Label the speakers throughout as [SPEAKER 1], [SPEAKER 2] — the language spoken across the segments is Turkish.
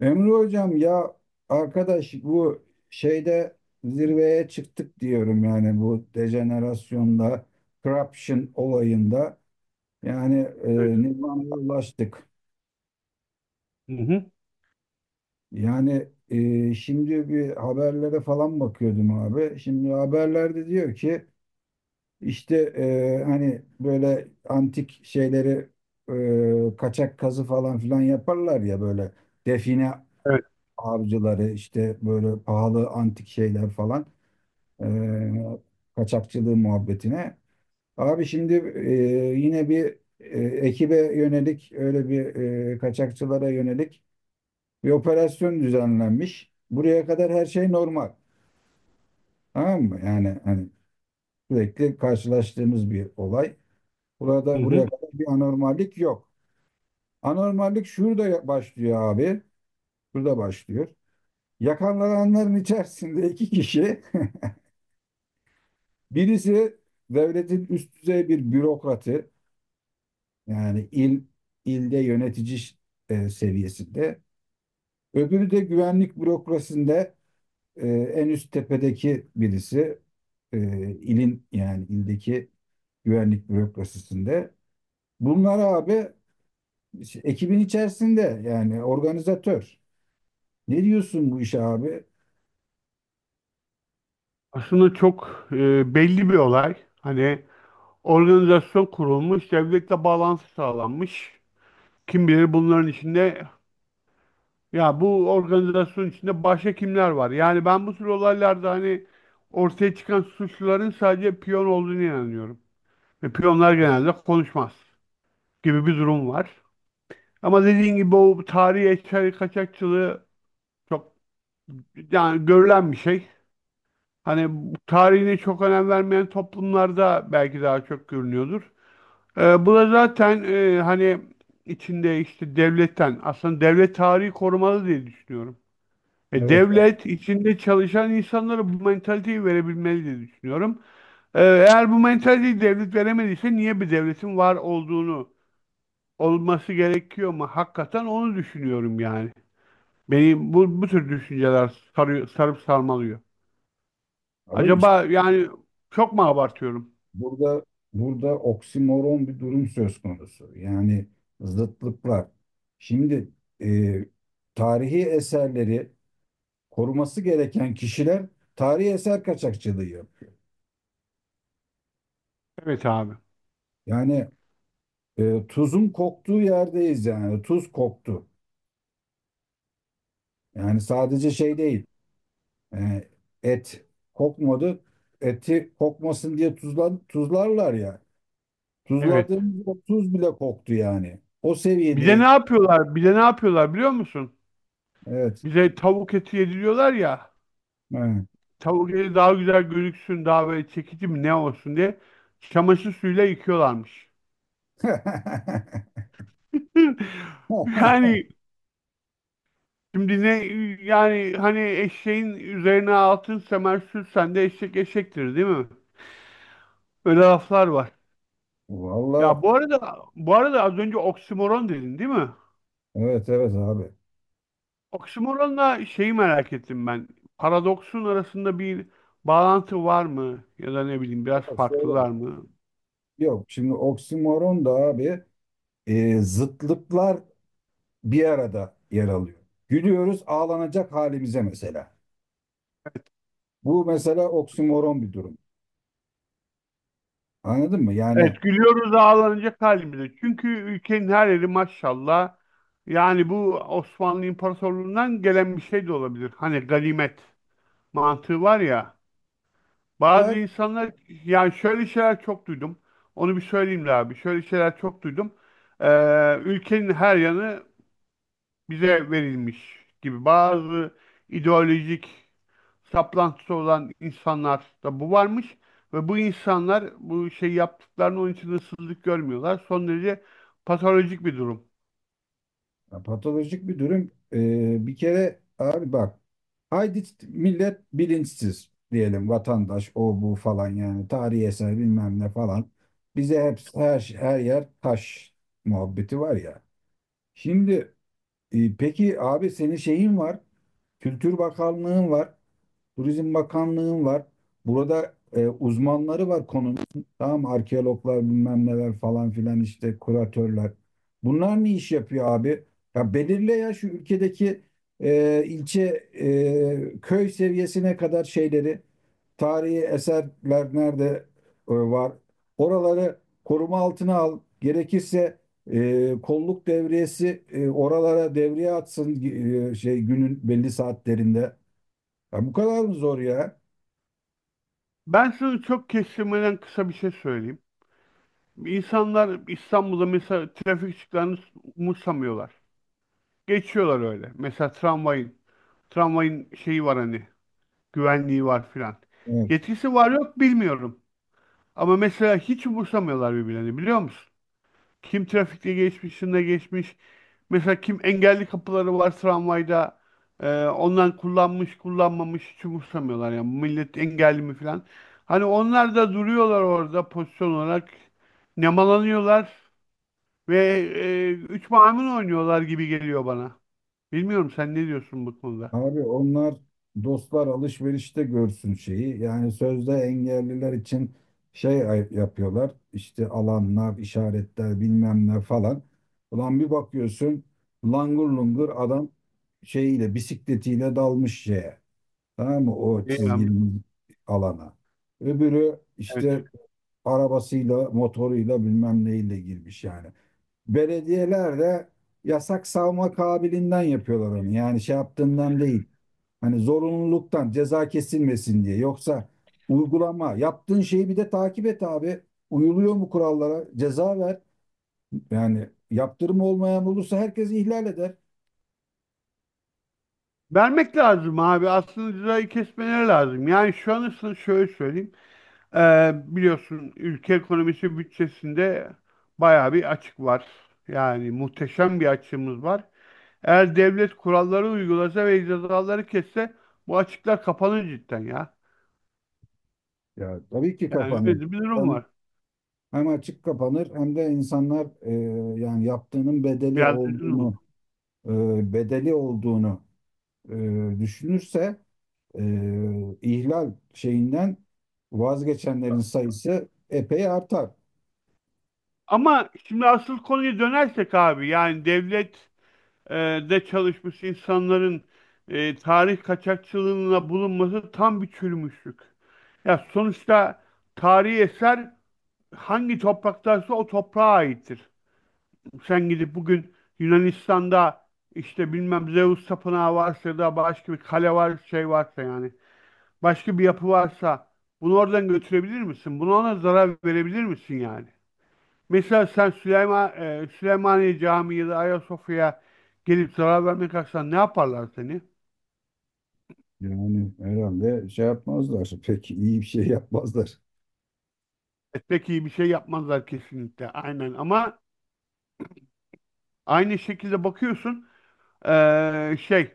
[SPEAKER 1] Emre hocam ya arkadaş bu şeyde zirveye çıktık diyorum yani bu dejenerasyonda, corruption olayında yani
[SPEAKER 2] Evet.
[SPEAKER 1] e, nirvana'ya ulaştık.
[SPEAKER 2] Hı hı.
[SPEAKER 1] Yani şimdi bir haberlere falan bakıyordum abi. Şimdi haberlerde diyor ki işte hani böyle antik şeyleri kaçak kazı falan filan yaparlar ya böyle define
[SPEAKER 2] Evet.
[SPEAKER 1] avcıları işte böyle pahalı antik şeyler falan. e, kaçakçılığı muhabbetine. Abi şimdi e, yine bir ekibe yönelik öyle bir kaçakçılara yönelik bir operasyon düzenlenmiş. Buraya kadar her şey normal. Tamam mı? Yani hani sürekli karşılaştığımız bir olay.
[SPEAKER 2] Hı
[SPEAKER 1] Burada buraya
[SPEAKER 2] hı.
[SPEAKER 1] kadar bir anormallik yok. Anormallik şurada başlıyor abi. Şurada başlıyor. Yakalananların içerisinde iki kişi. Birisi devletin üst düzey bir bürokratı. Yani ilde yönetici seviyesinde. Öbürü de güvenlik bürokrasisinde en üst tepedeki birisi e, ilin yani ildeki güvenlik bürokrasisinde. Bunlar abi işte ekibin içerisinde yani organizatör. Ne diyorsun bu işe abi?
[SPEAKER 2] Aslında çok belli bir olay. Hani organizasyon kurulmuş, devletle bağlantı sağlanmış. Kim bilir bunların içinde ya bu organizasyon içinde başka kimler var? Yani ben bu tür olaylarda hani ortaya çıkan suçluların sadece piyon olduğunu inanıyorum. Ve piyonlar genelde konuşmaz gibi bir durum var. Ama dediğin gibi o tarihi eser kaçakçılığı çok yani görülen bir şey. Hani tarihine çok önem vermeyen toplumlarda belki daha çok görünüyordur. Bu da zaten hani içinde işte devletten aslında devlet tarihi korumalı diye düşünüyorum.
[SPEAKER 1] Evet
[SPEAKER 2] Devlet içinde çalışan insanlara bu mentaliteyi verebilmeli diye düşünüyorum. Eğer bu mentaliteyi devlet veremediyse niye bir devletin var olduğunu olması gerekiyor mu? Hakikaten onu düşünüyorum yani. Beni bu tür düşünceler sarıyor, sarıp sarmalıyor.
[SPEAKER 1] abi işte
[SPEAKER 2] Acaba yani çok mu abartıyorum?
[SPEAKER 1] burada burada oksimoron bir durum söz konusu. Yani zıtlıklar. Şimdi e, tarihi eserleri koruması gereken kişiler tarihi eser kaçakçılığı yapıyor.
[SPEAKER 2] Evet abi.
[SPEAKER 1] Yani tuzun koktuğu yerdeyiz yani tuz koktu. Yani sadece şey değil e, et kokmadı eti kokmasın diye tuzlarlar ya.
[SPEAKER 2] Evet.
[SPEAKER 1] Tuzladığımız o tuz bile koktu yani. O
[SPEAKER 2] Bir de ne
[SPEAKER 1] seviyede
[SPEAKER 2] yapıyorlar? Bir de ne yapıyorlar biliyor musun?
[SPEAKER 1] evet.
[SPEAKER 2] Bize tavuk eti yediriyorlar ya.
[SPEAKER 1] Evet.
[SPEAKER 2] Tavuk eti daha güzel gözüksün, daha böyle çekici mi ne olsun diye çamaşır suyuyla yıkıyorlarmış. Yani şimdi ne yani hani eşeğin üzerine altın semer sürsen de eşek eşektir değil mi? Öyle laflar var.
[SPEAKER 1] Valla
[SPEAKER 2] Ya bu arada az önce oksimoron dedin değil mi?
[SPEAKER 1] evet evet abi.
[SPEAKER 2] Oksimoronla şeyi merak ettim ben. Paradoksun arasında bir bağlantı var mı? Ya da ne bileyim biraz
[SPEAKER 1] Ama söyle.
[SPEAKER 2] farklılar mı?
[SPEAKER 1] Yok şimdi oksimoron da abi zıtlıklar bir arada yer alıyor. Gülüyoruz ağlanacak halimize mesela. Bu mesela oksimoron bir durum. Anladın mı? Yani
[SPEAKER 2] Evet gülüyoruz ağlanacak halimize. Çünkü ülkenin her yeri maşallah. Yani bu Osmanlı İmparatorluğu'ndan gelen bir şey de olabilir. Hani ganimet mantığı var ya. Bazı
[SPEAKER 1] var
[SPEAKER 2] insanlar yani şöyle şeyler çok duydum. Onu bir söyleyeyim de abi. Şöyle şeyler çok duydum. Ülkenin her yanı bize verilmiş gibi bazı ideolojik saplantısı olan insanlarda bu varmış ve bu insanlar bu şey yaptıklarını onun için ıssızlık görmüyorlar. Son derece patolojik bir durum.
[SPEAKER 1] ya, patolojik bir durum. Bir kere abi bak, haydi millet bilinçsiz diyelim, vatandaş o bu falan yani tarihi eser bilmem ne falan. Bize hep her yer taş muhabbeti var ya. Şimdi peki abi senin şeyin var. Kültür Bakanlığın var. Turizm Bakanlığı'nın var. Burada uzmanları var konunun. Tamam mı? Arkeologlar bilmem neler falan filan işte kuratörler. Bunlar ne iş yapıyor abi? Ya belirle ya şu ülkedeki ilçe köy seviyesine kadar şeyleri, tarihi eserler nerede var? Oraları koruma altına al. Gerekirse kolluk devriyesi oralara devriye atsın şey, günün belli saatlerinde. Ya bu kadar mı zor ya?
[SPEAKER 2] Ben şunu çok kestirmeden kısa bir şey söyleyeyim. İnsanlar İstanbul'da mesela trafik ışıklarını umursamıyorlar. Geçiyorlar öyle. Mesela tramvayın şeyi var hani, güvenliği var filan.
[SPEAKER 1] Evet.
[SPEAKER 2] Yetkisi var yok bilmiyorum. Ama mesela hiç umursamıyorlar birbirlerini biliyor musun? Kim trafikte geçmiş, şunda geçmiş. Mesela kim engelli kapıları var tramvayda. Ondan kullanmış, kullanmamış hiç umursamıyorlar. Yani millet engelli mi falan. Hani onlar da duruyorlar orada pozisyon olarak. Nemalanıyorlar ve üç maymun oynuyorlar gibi geliyor bana. Bilmiyorum sen ne diyorsun bu konuda?
[SPEAKER 1] Abi onlar dostlar alışverişte görsün şeyi. Yani sözde engelliler için yapıyorlar. İşte alanlar, işaretler bilmem ne falan. Ulan bir bakıyorsun, langur lungur adam şeyiyle, bisikletiyle dalmış şeye. Tamam mı? O çizgili
[SPEAKER 2] Bilmiyorum.
[SPEAKER 1] alana. Öbürü
[SPEAKER 2] Evet.
[SPEAKER 1] işte arabasıyla, motoruyla bilmem neyle girmiş yani. Belediyeler de yasak savma kabiliğinden yapıyorlar onu. Yani şey yaptığından değil. Hani zorunluluktan ceza kesilmesin diye. Yoksa uygulama yaptığın şeyi bir de takip et abi. Uyuluyor mu kurallara? Ceza ver. Yani yaptırım olmayan olursa herkes ihlal eder.
[SPEAKER 2] Vermek lazım abi. Aslında cezayı kesmeleri lazım. Yani şu an şöyle söyleyeyim. Biliyorsun ülke ekonomisi bütçesinde bayağı bir açık var. Yani muhteşem bir açığımız var. Eğer devlet kuralları uygulasa ve cezaları kesse bu açıklar kapanır cidden ya.
[SPEAKER 1] Ya tabii ki
[SPEAKER 2] Yani
[SPEAKER 1] kapanır.
[SPEAKER 2] öyle bir durum
[SPEAKER 1] Hem
[SPEAKER 2] var.
[SPEAKER 1] hem açık kapanır hem de insanlar yani yaptığının bedeli
[SPEAKER 2] Biraz üzgünüm.
[SPEAKER 1] olduğunu e, bedeli olduğunu düşünürse ihlal şeyinden vazgeçenlerin sayısı epey artar.
[SPEAKER 2] Ama şimdi asıl konuya dönersek abi yani devlet e, de çalışmış insanların tarih kaçakçılığına bulunması tam bir çürümüşlük. Ya sonuçta tarihi eser hangi topraktaysa o toprağa aittir. Sen gidip bugün Yunanistan'da işte bilmem Zeus tapınağı varsa ya da başka bir kale var şey varsa yani başka bir yapı varsa bunu oradan götürebilir misin? Buna ona zarar verebilir misin yani? Mesela sen Süleymaniye Camii ya da Ayasofya'ya gelip zarar vermek kalksan ne yaparlar seni?
[SPEAKER 1] Yani herhalde şey yapmazlar. Pek iyi bir şey yapmazlar.
[SPEAKER 2] Pek iyi bir şey yapmazlar kesinlikle aynen ama aynı şekilde bakıyorsun e, şey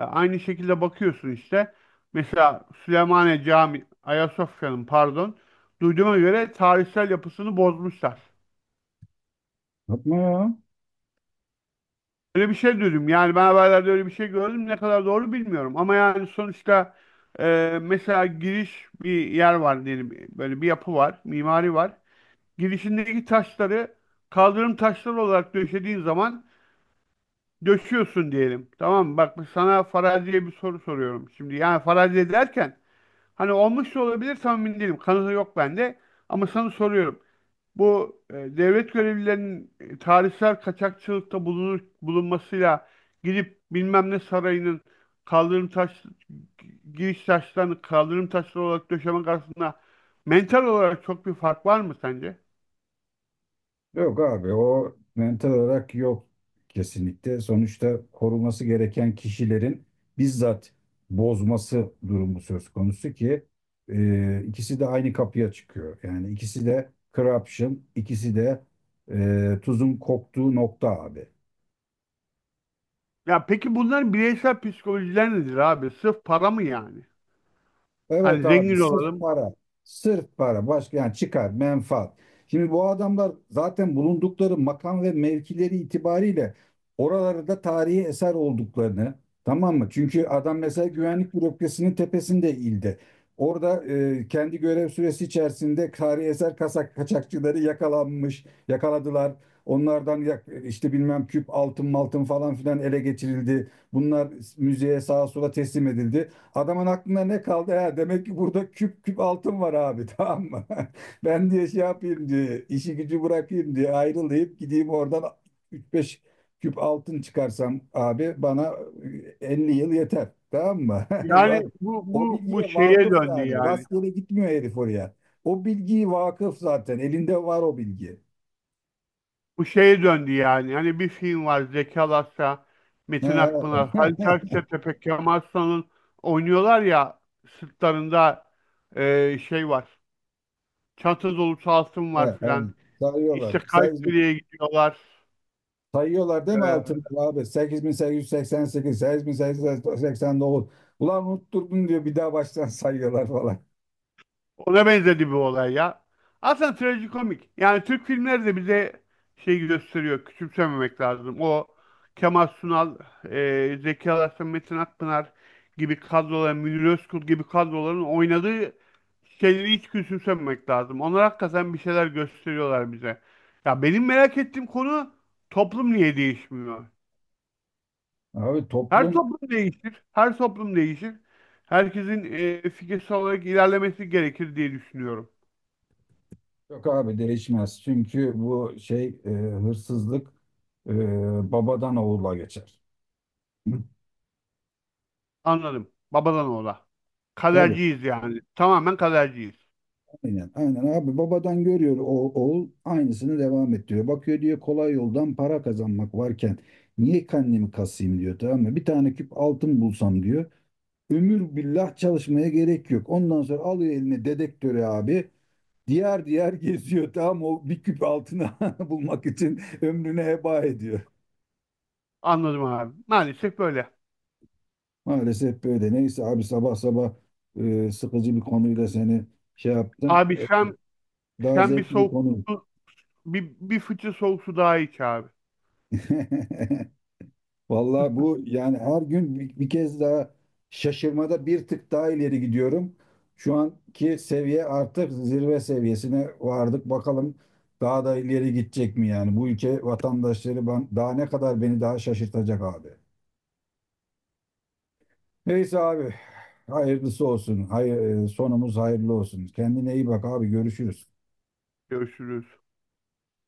[SPEAKER 2] E, Aynı şekilde bakıyorsun işte. Mesela Süleymaniye Cami Ayasofya'nın pardon, duyduğuma göre tarihsel yapısını bozmuşlar.
[SPEAKER 1] Yapma ya.
[SPEAKER 2] Öyle bir şey duydum. Yani ben haberlerde öyle bir şey gördüm. Ne kadar doğru bilmiyorum. Ama yani sonuçta mesela giriş bir yer var diyelim. Böyle bir yapı var, mimari var. Girişindeki taşları kaldırım taşları olarak döşediğin zaman döşüyorsun diyelim. Tamam mı? Bak sana faraziye bir soru soruyorum şimdi. Yani faraziye derken hani olmuş da olabilir tam emin değilim. Kanıtı yok bende. Ama sana soruyorum. Bu devlet görevlilerinin tarihsel kaçakçılıkta bulunmasıyla gidip bilmem ne sarayının kaldırım taş giriş taşlarını kaldırım taşları olarak döşemek arasında mental olarak çok bir fark var mı sence?
[SPEAKER 1] Yok abi o mental olarak yok kesinlikle. Sonuçta koruması gereken kişilerin bizzat bozması durumu söz konusu ki ikisi de aynı kapıya çıkıyor. Yani ikisi de corruption, ikisi de tuzun koktuğu nokta abi.
[SPEAKER 2] Ya peki bunların bireysel psikolojiler nedir abi? Sırf para mı yani?
[SPEAKER 1] Evet
[SPEAKER 2] Hani
[SPEAKER 1] abi
[SPEAKER 2] zengin
[SPEAKER 1] sırf
[SPEAKER 2] olalım.
[SPEAKER 1] para. Sırf para. Başka yani çıkar, menfaat. Şimdi bu adamlar zaten bulundukları makam ve mevkileri itibariyle oralarda tarihi eser olduklarını, tamam mı? Çünkü adam mesela güvenlik bürokrasinin tepesinde ildi. Orada kendi görev süresi içerisinde tarihi eser kaçakçıları yakalanmış, yakaladılar. Onlardan işte bilmem küp altın maltın falan filan ele geçirildi. Bunlar müzeye, sağa sola teslim edildi. Adamın aklına ne kaldı? Ha, demek ki burada küp küp altın var abi, tamam mı? Ben diye şey yapayım, diye işi gücü bırakayım, diye ayrılayıp gideyim oradan, üç beş küp altın çıkarsam abi bana 50 yıl yeter, tamam mı?
[SPEAKER 2] Yani
[SPEAKER 1] Yani
[SPEAKER 2] bu
[SPEAKER 1] o
[SPEAKER 2] bu bu
[SPEAKER 1] bilgiye
[SPEAKER 2] şeye
[SPEAKER 1] vakıf
[SPEAKER 2] döndü
[SPEAKER 1] yani.
[SPEAKER 2] yani.
[SPEAKER 1] Rastgele gitmiyor herif oraya. O bilgiyi vakıf zaten. Elinde var o bilgi.
[SPEAKER 2] Bu şeye döndü yani. Hani bir film var Zeki Alasya,
[SPEAKER 1] He,
[SPEAKER 2] Metin Akpınar, Halit
[SPEAKER 1] he,
[SPEAKER 2] Akçatepe, Kemal Sunal'ın oynuyorlar ya sırtlarında şey var. Çanta dolu altın
[SPEAKER 1] he. He,
[SPEAKER 2] var filan.
[SPEAKER 1] he. Sarıyorlar.
[SPEAKER 2] İşte Kayseri'ye gidiyorlar.
[SPEAKER 1] Sayıyorlar değil mi altını
[SPEAKER 2] E,
[SPEAKER 1] abi? Sekiz, sekiz, sekiz yüz seksen sekiz, sekiz bin, bin yüz, yüz seksen, seksen 8889. Ulan unutturdun diyor, bir daha baştan sayıyorlar falan.
[SPEAKER 2] Ona benzedi bir olay ya. Aslında trajikomik. Yani Türk filmleri de bize şey gösteriyor. Küçümsememek lazım. O Kemal Sunal, Zeki Alasya, Metin Akpınar gibi kadroların, Münir Özkul gibi kadroların oynadığı şeyleri hiç küçümsememek lazım. Onlar hakikaten bir şeyler gösteriyorlar bize. Ya benim merak ettiğim konu toplum niye değişmiyor?
[SPEAKER 1] Abi toplum,
[SPEAKER 2] Her toplum değişir. Herkesin fikirsel olarak ilerlemesi gerekir diye düşünüyorum.
[SPEAKER 1] yok abi değişmez. Çünkü bu şey hırsızlık babadan oğula geçer. Hı.
[SPEAKER 2] Anladım. Babadan oğula.
[SPEAKER 1] Tabii,
[SPEAKER 2] Kaderciyiz yani. Tamamen kaderciyiz.
[SPEAKER 1] aynen, aynen abi, babadan görüyor, oğul aynısını devam ettiriyor. Bakıyor diyor kolay yoldan para kazanmak varken niye kendimi kasayım diyor, tamam mı? Bir tane küp altın bulsam diyor. Ömür billah çalışmaya gerek yok. Ondan sonra alıyor eline dedektörü abi. Diğer geziyor, tamam o bir küp altını bulmak için ömrünü heba ediyor.
[SPEAKER 2] Anladım abi. Maalesef böyle.
[SPEAKER 1] Maalesef böyle. Neyse abi, sabah sabah sıkıcı bir konuyla seni şey yaptım.
[SPEAKER 2] Abi sen
[SPEAKER 1] Daha
[SPEAKER 2] sen bir
[SPEAKER 1] zevkli bir
[SPEAKER 2] soğuk
[SPEAKER 1] konu.
[SPEAKER 2] su, bir fıçı soğuk su daha iç abi.
[SPEAKER 1] Vallahi bu yani her gün bir kez daha şaşırmada bir tık daha ileri gidiyorum. Şu anki seviye, artık zirve seviyesine vardık. Bakalım daha da ileri gidecek mi yani? Bu ülke vatandaşları ben, daha ne kadar beni daha şaşırtacak abi. Neyse abi, hayırlısı olsun. Hayır, sonumuz hayırlı olsun. Kendine iyi bak abi, görüşürüz.
[SPEAKER 2] Görüşürüz.